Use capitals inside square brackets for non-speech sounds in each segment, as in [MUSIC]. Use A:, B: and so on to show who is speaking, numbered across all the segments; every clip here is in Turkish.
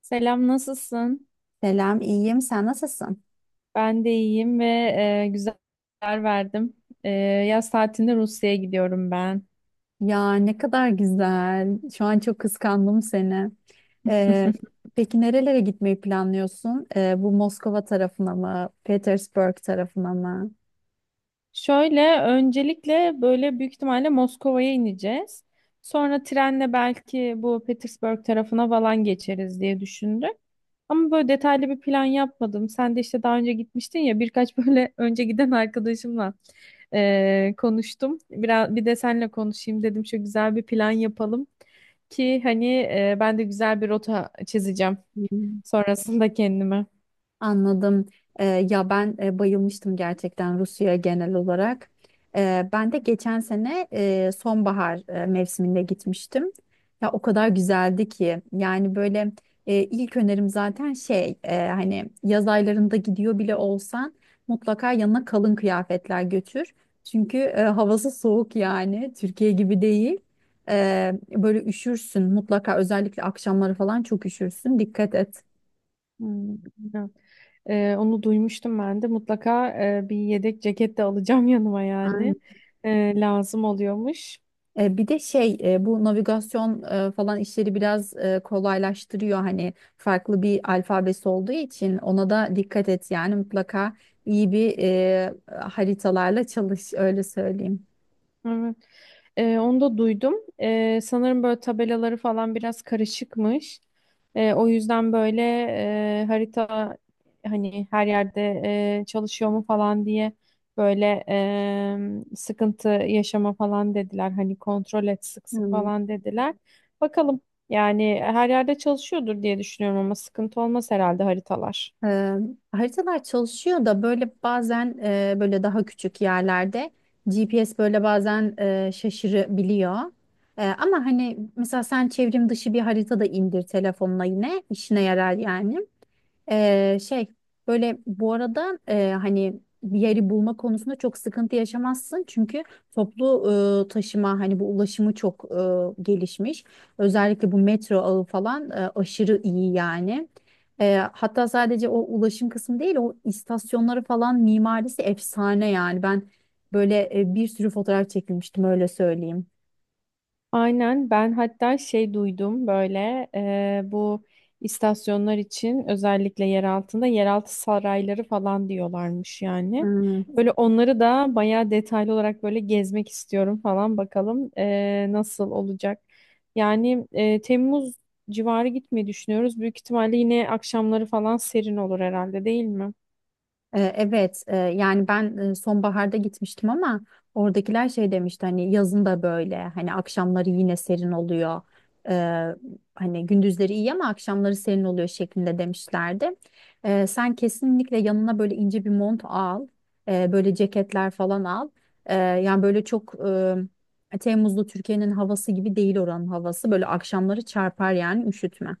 A: Selam, nasılsın?
B: Selam, iyiyim. Sen nasılsın?
A: Ben de iyiyim ve güzel haber verdim. Yaz tatilinde Rusya'ya gidiyorum ben.
B: Ya ne kadar güzel. Şu an çok kıskandım seni. Ee, peki nerelere gitmeyi planlıyorsun? Bu Moskova tarafına mı, Petersburg tarafına mı?
A: Şöyle öncelikle böyle büyük ihtimalle Moskova'ya ineceğiz. Sonra trenle belki bu Petersburg tarafına falan geçeriz diye düşündük. Ama böyle detaylı bir plan yapmadım. Sen de işte daha önce gitmiştin ya birkaç böyle [LAUGHS] önce giden arkadaşımla konuştum. Biraz bir de seninle konuşayım dedim. Şu güzel bir plan yapalım ki hani ben de güzel bir rota çizeceğim sonrasında kendime.
B: Anladım. Ee, Ya ben bayılmıştım gerçekten Rusya'ya genel olarak. Ben de geçen sene sonbahar mevsiminde gitmiştim. Ya o kadar güzeldi ki yani böyle ilk önerim zaten şey hani yaz aylarında gidiyor bile olsan mutlaka yanına kalın kıyafetler götür. Çünkü havası soğuk yani Türkiye gibi değil. Böyle üşürsün mutlaka, özellikle akşamları falan çok üşürsün, dikkat et.
A: Hmm, bilmiyorum. Onu duymuştum ben de. Mutlaka bir yedek ceket de alacağım [LAUGHS] yanıma yani. Lazım oluyormuş.
B: Bir de şey bu navigasyon falan işleri biraz kolaylaştırıyor, hani farklı bir alfabesi olduğu için ona da dikkat et yani mutlaka iyi bir haritalarla çalış, öyle söyleyeyim.
A: Evet. Onu da duydum. Sanırım böyle tabelaları falan biraz karışıkmış. O yüzden böyle harita hani her yerde çalışıyor mu falan diye böyle sıkıntı yaşama falan dediler. Hani kontrol et sık sık
B: Hmm.
A: falan dediler. Bakalım yani her yerde çalışıyordur diye düşünüyorum ama sıkıntı olmaz herhalde haritalar.
B: Eee, Haritalar çalışıyor da böyle bazen böyle daha küçük yerlerde GPS böyle bazen şaşırabiliyor. Ama hani mesela sen çevrim dışı bir harita da indir telefonuna, yine işine yarar yani. Şey, böyle bu arada hani bir yeri bulma konusunda çok sıkıntı yaşamazsın çünkü toplu taşıma hani bu ulaşımı çok gelişmiş. Özellikle bu metro ağı falan aşırı iyi yani. Hatta sadece o ulaşım kısmı değil, o istasyonları falan mimarisi efsane yani, ben böyle bir sürü fotoğraf çekilmiştim, öyle söyleyeyim.
A: Aynen ben hatta şey duydum böyle bu istasyonlar için özellikle yer altında yeraltı sarayları falan diyorlarmış yani.
B: Hmm.
A: Böyle onları da bayağı detaylı olarak böyle gezmek istiyorum falan bakalım nasıl olacak. Yani Temmuz civarı gitmeyi düşünüyoruz. Büyük ihtimalle yine akşamları falan serin olur herhalde değil mi?
B: Evet, yani ben sonbaharda gitmiştim ama oradakiler şey demişti hani yazın da böyle hani akşamları yine serin oluyor. Ee, Hani gündüzleri iyi ama akşamları serin oluyor şeklinde demişlerdi. Sen kesinlikle yanına böyle ince bir mont al, böyle ceketler falan al. Yani böyle çok Temmuzlu Türkiye'nin havası gibi değil oranın havası. Böyle akşamları çarpar yani, üşütme.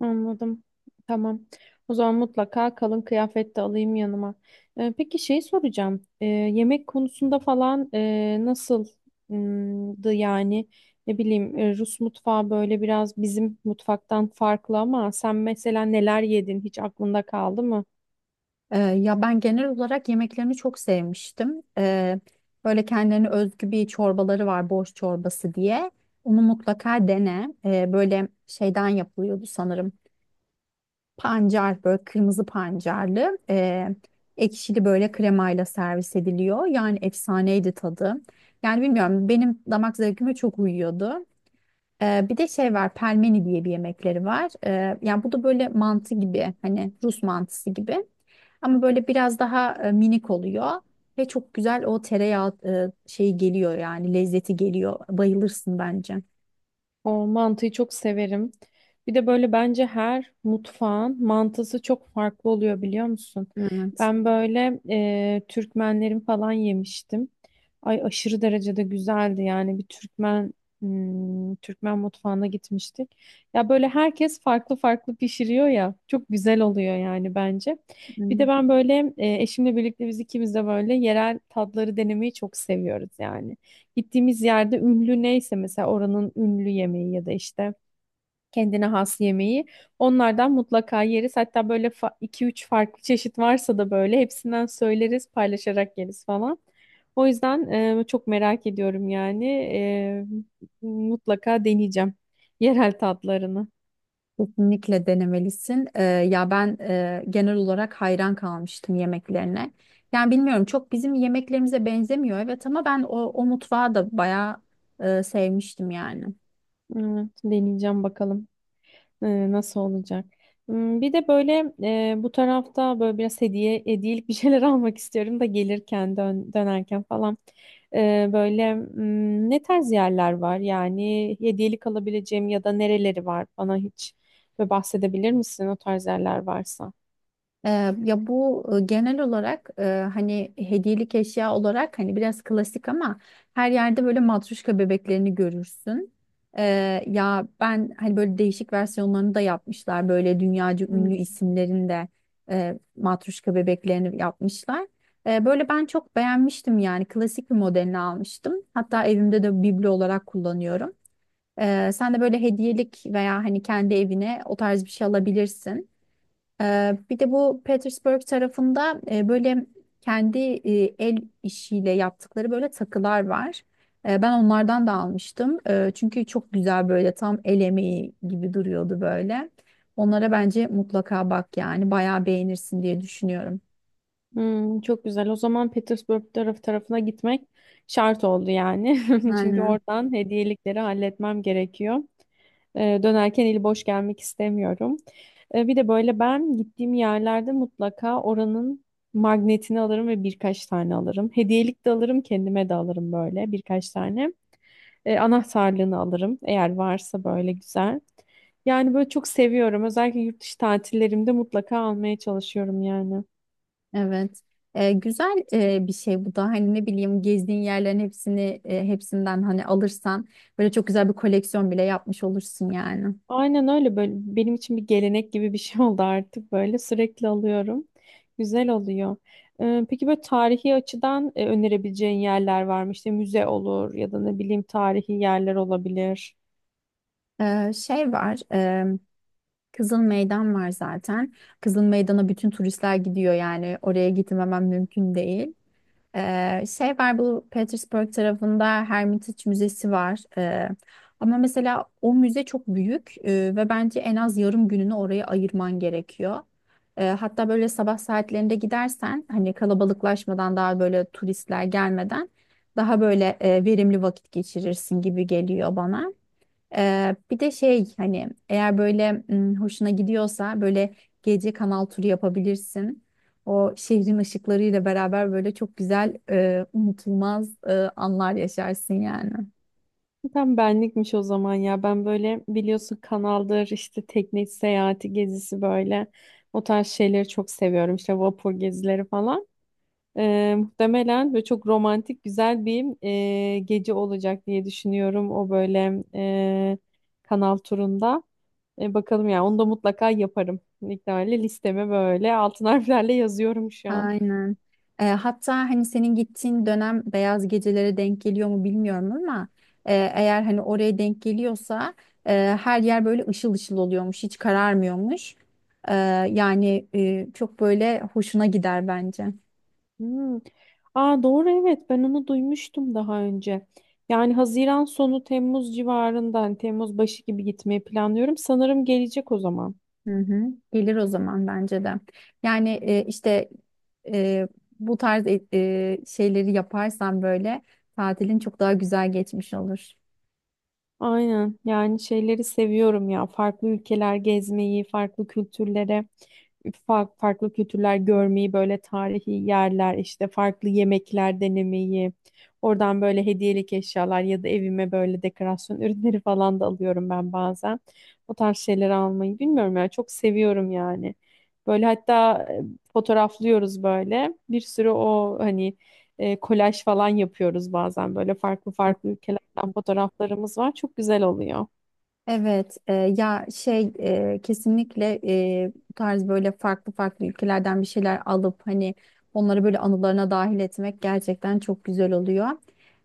A: Anladım. Tamam. O zaman mutlaka kalın kıyafet de alayım yanıma. Peki şey soracağım. Yemek konusunda falan nasıldı yani? Ne bileyim Rus mutfağı böyle biraz bizim mutfaktan farklı ama sen mesela neler yedin hiç aklında kaldı mı?
B: Ya ben genel olarak yemeklerini çok sevmiştim. Böyle kendilerine özgü bir çorbaları var, borş çorbası diye. Onu mutlaka dene. Böyle şeyden yapılıyordu sanırım. Pancar, böyle kırmızı pancarlı. Ekşili böyle kremayla servis ediliyor. Yani efsaneydi tadı. Yani bilmiyorum, benim damak zevkime çok uyuyordu. Bir de şey var, pelmeni diye bir yemekleri var. Yani bu da böyle mantı gibi, hani Rus mantısı gibi. Ama böyle biraz daha minik oluyor. Ve çok güzel o tereyağı şeyi geliyor yani lezzeti geliyor. Bayılırsın bence.
A: O mantıyı çok severim. Bir de böyle bence her mutfağın mantısı çok farklı oluyor biliyor musun?
B: Evet.
A: Ben böyle Türkmenlerin falan yemiştim. Ay aşırı derecede güzeldi yani bir Türkmen hmm, Türkmen mutfağına gitmiştik. Ya böyle herkes farklı farklı pişiriyor ya çok güzel oluyor yani bence. Bir de
B: Evet.
A: ben böyle eşimle birlikte biz ikimiz de böyle yerel tatları denemeyi çok seviyoruz yani. Gittiğimiz yerde ünlü neyse mesela oranın ünlü yemeği ya da işte kendine has yemeği onlardan mutlaka yeriz. Hatta böyle iki üç farklı çeşit varsa da böyle hepsinden söyleriz, paylaşarak yeriz falan. O yüzden çok merak ediyorum yani. Mutlaka deneyeceğim yerel tatlarını.
B: Kesinlikle denemelisin. Ya ben genel olarak hayran kalmıştım yemeklerine. Yani bilmiyorum, çok bizim yemeklerimize benzemiyor, evet, ama ben o mutfağı da bayağı sevmiştim yani.
A: Evet, deneyeceğim bakalım. Nasıl olacak? Hmm, bir de böyle bu tarafta böyle biraz hediyelik bir şeyler [LAUGHS] almak istiyorum da gelirken dönerken falan. Böyle hmm, ne tarz yerler var? Yani hediyelik alabileceğim ya da nereleri var? Bana hiç böyle bahsedebilir misin o tarz yerler varsa?
B: Ee, Ya bu genel olarak hani hediyelik eşya olarak hani biraz klasik ama her yerde böyle matruşka bebeklerini görürsün. Ya ben hani böyle değişik versiyonlarını da yapmışlar. Böyle dünyaca
A: Hmm.
B: ünlü isimlerin de matruşka bebeklerini yapmışlar. Böyle ben çok beğenmiştim yani, klasik bir modelini almıştım. Hatta evimde de biblo olarak kullanıyorum. Sen de böyle hediyelik veya hani kendi evine o tarz bir şey alabilirsin. Bir de bu Petersburg tarafında böyle kendi el işiyle yaptıkları böyle takılar var. Ben onlardan da almıştım. Çünkü çok güzel böyle, tam el emeği gibi duruyordu böyle. Onlara bence mutlaka bak, yani bayağı beğenirsin diye düşünüyorum.
A: Hmm, çok güzel. O zaman Petersburg tarafına gitmek şart oldu yani. [LAUGHS] Çünkü
B: Aynen.
A: oradan hediyelikleri halletmem gerekiyor. Dönerken eli boş gelmek istemiyorum. Bir de böyle ben gittiğim yerlerde mutlaka oranın magnetini alırım ve birkaç tane alırım. Hediyelik de alırım, kendime de alırım böyle birkaç tane. Anahtarlığını alırım eğer varsa böyle güzel. Yani böyle çok seviyorum. Özellikle yurt dışı tatillerimde mutlaka almaya çalışıyorum yani.
B: Evet. Güzel bir şey bu da, hani ne bileyim gezdiğin yerlerin hepsini hepsinden hani alırsan böyle çok güzel bir koleksiyon bile yapmış olursun yani.
A: Aynen öyle böyle benim için bir gelenek gibi bir şey [LAUGHS] oldu artık böyle sürekli alıyorum. Güzel oluyor. Peki böyle tarihi açıdan önerebileceğin yerler var mı? İşte müze olur ya da ne bileyim tarihi yerler olabilir.
B: Şey var. Kızıl Meydan var zaten. Kızıl Meydan'a bütün turistler gidiyor yani, oraya gitmemem mümkün değil. Şey var, bu Petersburg tarafında Hermitage Müzesi var. Ama mesela o müze çok büyük ve bence en az yarım gününü oraya ayırman gerekiyor. Hatta böyle sabah saatlerinde gidersen, hani kalabalıklaşmadan daha böyle turistler gelmeden, daha böyle verimli vakit geçirirsin gibi geliyor bana. Bir de şey, hani eğer böyle hoşuna gidiyorsa böyle gece kanal turu yapabilirsin. O şehrin ışıklarıyla beraber böyle çok güzel unutulmaz anlar yaşarsın yani.
A: Tam benlikmiş o zaman ya. Ben böyle biliyorsun kanaldır işte tekne seyahati gezisi böyle o tarz şeyleri çok seviyorum. İşte vapur gezileri falan. Muhtemelen ve çok romantik güzel bir gece olacak diye düşünüyorum o böyle kanal turunda. Bakalım ya onu da mutlaka yaparım. İktidarıyla listeme böyle altın harflerle yazıyorum şu an.
B: Aynen. Hatta hani senin gittiğin dönem beyaz gecelere denk geliyor mu bilmiyorum ama eğer hani oraya denk geliyorsa her yer böyle ışıl ışıl oluyormuş, hiç kararmıyormuş. Ee, Yani çok böyle hoşuna gider bence.
A: Hmm. Aa, doğru evet ben onu duymuştum daha önce. Yani Haziran sonu Temmuz civarında hani Temmuz başı gibi gitmeyi planlıyorum. Sanırım gelecek o zaman.
B: Hı hı. Gelir o zaman bence de. Yani işte e, bu tarz şeyleri yaparsan böyle tatilin çok daha güzel geçmiş olur.
A: Aynen yani şeyleri seviyorum ya farklı ülkeler gezmeyi, farklı kültürlere, farklı kültürler görmeyi, böyle tarihi yerler işte farklı yemekler denemeyi, oradan böyle hediyelik eşyalar ya da evime böyle dekorasyon [LAUGHS] ürünleri falan da alıyorum ben bazen. O tarz şeyleri almayı bilmiyorum ya çok seviyorum yani. Böyle hatta fotoğraflıyoruz böyle bir sürü o hani kolaj falan yapıyoruz bazen böyle farklı farklı ülkelerden fotoğraflarımız var. Çok güzel oluyor.
B: Evet, ya şey kesinlikle bu tarz böyle farklı farklı ülkelerden bir şeyler alıp hani onları böyle anılarına dahil etmek gerçekten çok güzel oluyor.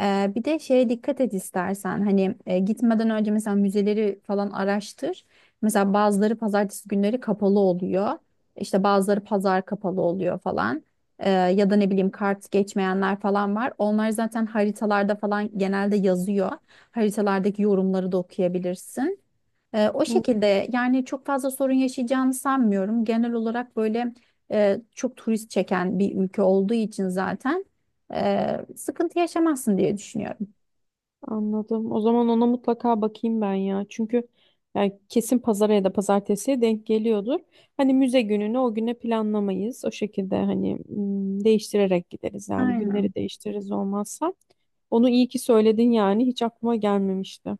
B: Bir de şeye dikkat et istersen hani, gitmeden önce mesela müzeleri falan araştır. Mesela bazıları pazartesi günleri kapalı oluyor. İşte bazıları pazar kapalı oluyor falan. Ya da ne bileyim kart geçmeyenler falan var. Onlar zaten haritalarda falan genelde yazıyor, haritalardaki yorumları da okuyabilirsin. O
A: Hı,
B: şekilde yani, çok fazla sorun yaşayacağını sanmıyorum. Genel olarak böyle çok turist çeken bir ülke olduğu için zaten sıkıntı yaşamazsın diye düşünüyorum.
A: anladım. O zaman ona mutlaka bakayım ben ya. Çünkü yani kesin pazara ya da pazartesiye denk geliyordur. Hani müze gününü o güne planlamayız. O şekilde hani m, değiştirerek gideriz. Yani
B: Aynen.
A: günleri değiştiririz olmazsa. Onu iyi ki söyledin yani. Hiç aklıma gelmemişti.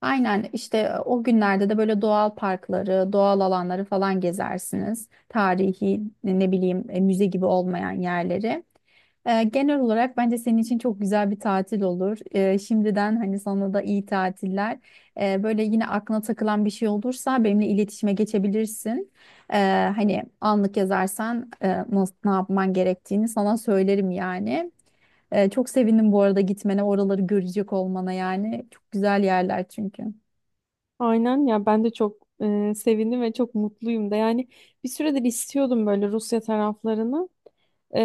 B: Aynen işte, o günlerde de böyle doğal parkları, doğal alanları falan gezersiniz. Tarihi ne bileyim müze gibi olmayan yerleri. Genel olarak bence senin için çok güzel bir tatil olur. Şimdiden hani sana da iyi tatiller. Böyle yine aklına takılan bir şey olursa benimle iletişime geçebilirsin. Ee, Hani anlık yazarsan nasıl, ne yapman gerektiğini sana söylerim yani. Çok sevindim bu arada gitmene, oraları görecek olmana yani. Çok güzel yerler çünkü.
A: Aynen ya ben de çok sevindim ve çok mutluyum da yani bir süredir istiyordum böyle Rusya taraflarını. Ee,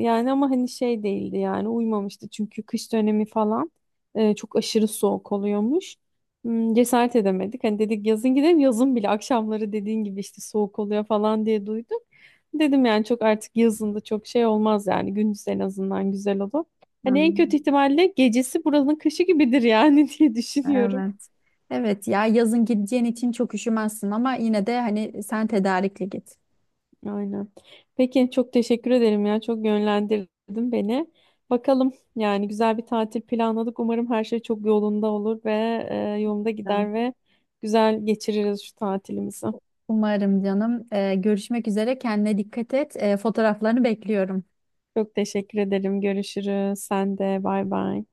A: Yani ama hani şey değildi yani uymamıştı çünkü kış dönemi falan çok aşırı soğuk oluyormuş. Hmm, cesaret edemedik. Hani dedik yazın gidelim yazın bile akşamları dediğin gibi işte soğuk oluyor falan diye duydum. Dedim yani çok artık yazında çok şey olmaz yani gündüz en azından güzel olur. Hani en kötü
B: Hmm.
A: ihtimalle gecesi buranın kışı gibidir yani [LAUGHS] diye düşünüyorum.
B: Evet. Evet ya, yazın gideceğin için çok üşümezsin ama yine de hani sen tedarikli git.
A: Aynen. Peki çok teşekkür ederim ya. Çok yönlendirdin beni. Bakalım yani güzel bir tatil planladık. Umarım her şey çok yolunda olur ve yolunda
B: Tamam.
A: gider ve güzel geçiririz şu tatilimizi.
B: Umarım canım. Görüşmek üzere. Kendine dikkat et. Fotoğraflarını bekliyorum.
A: Çok teşekkür ederim. Görüşürüz. Sen de bay bay.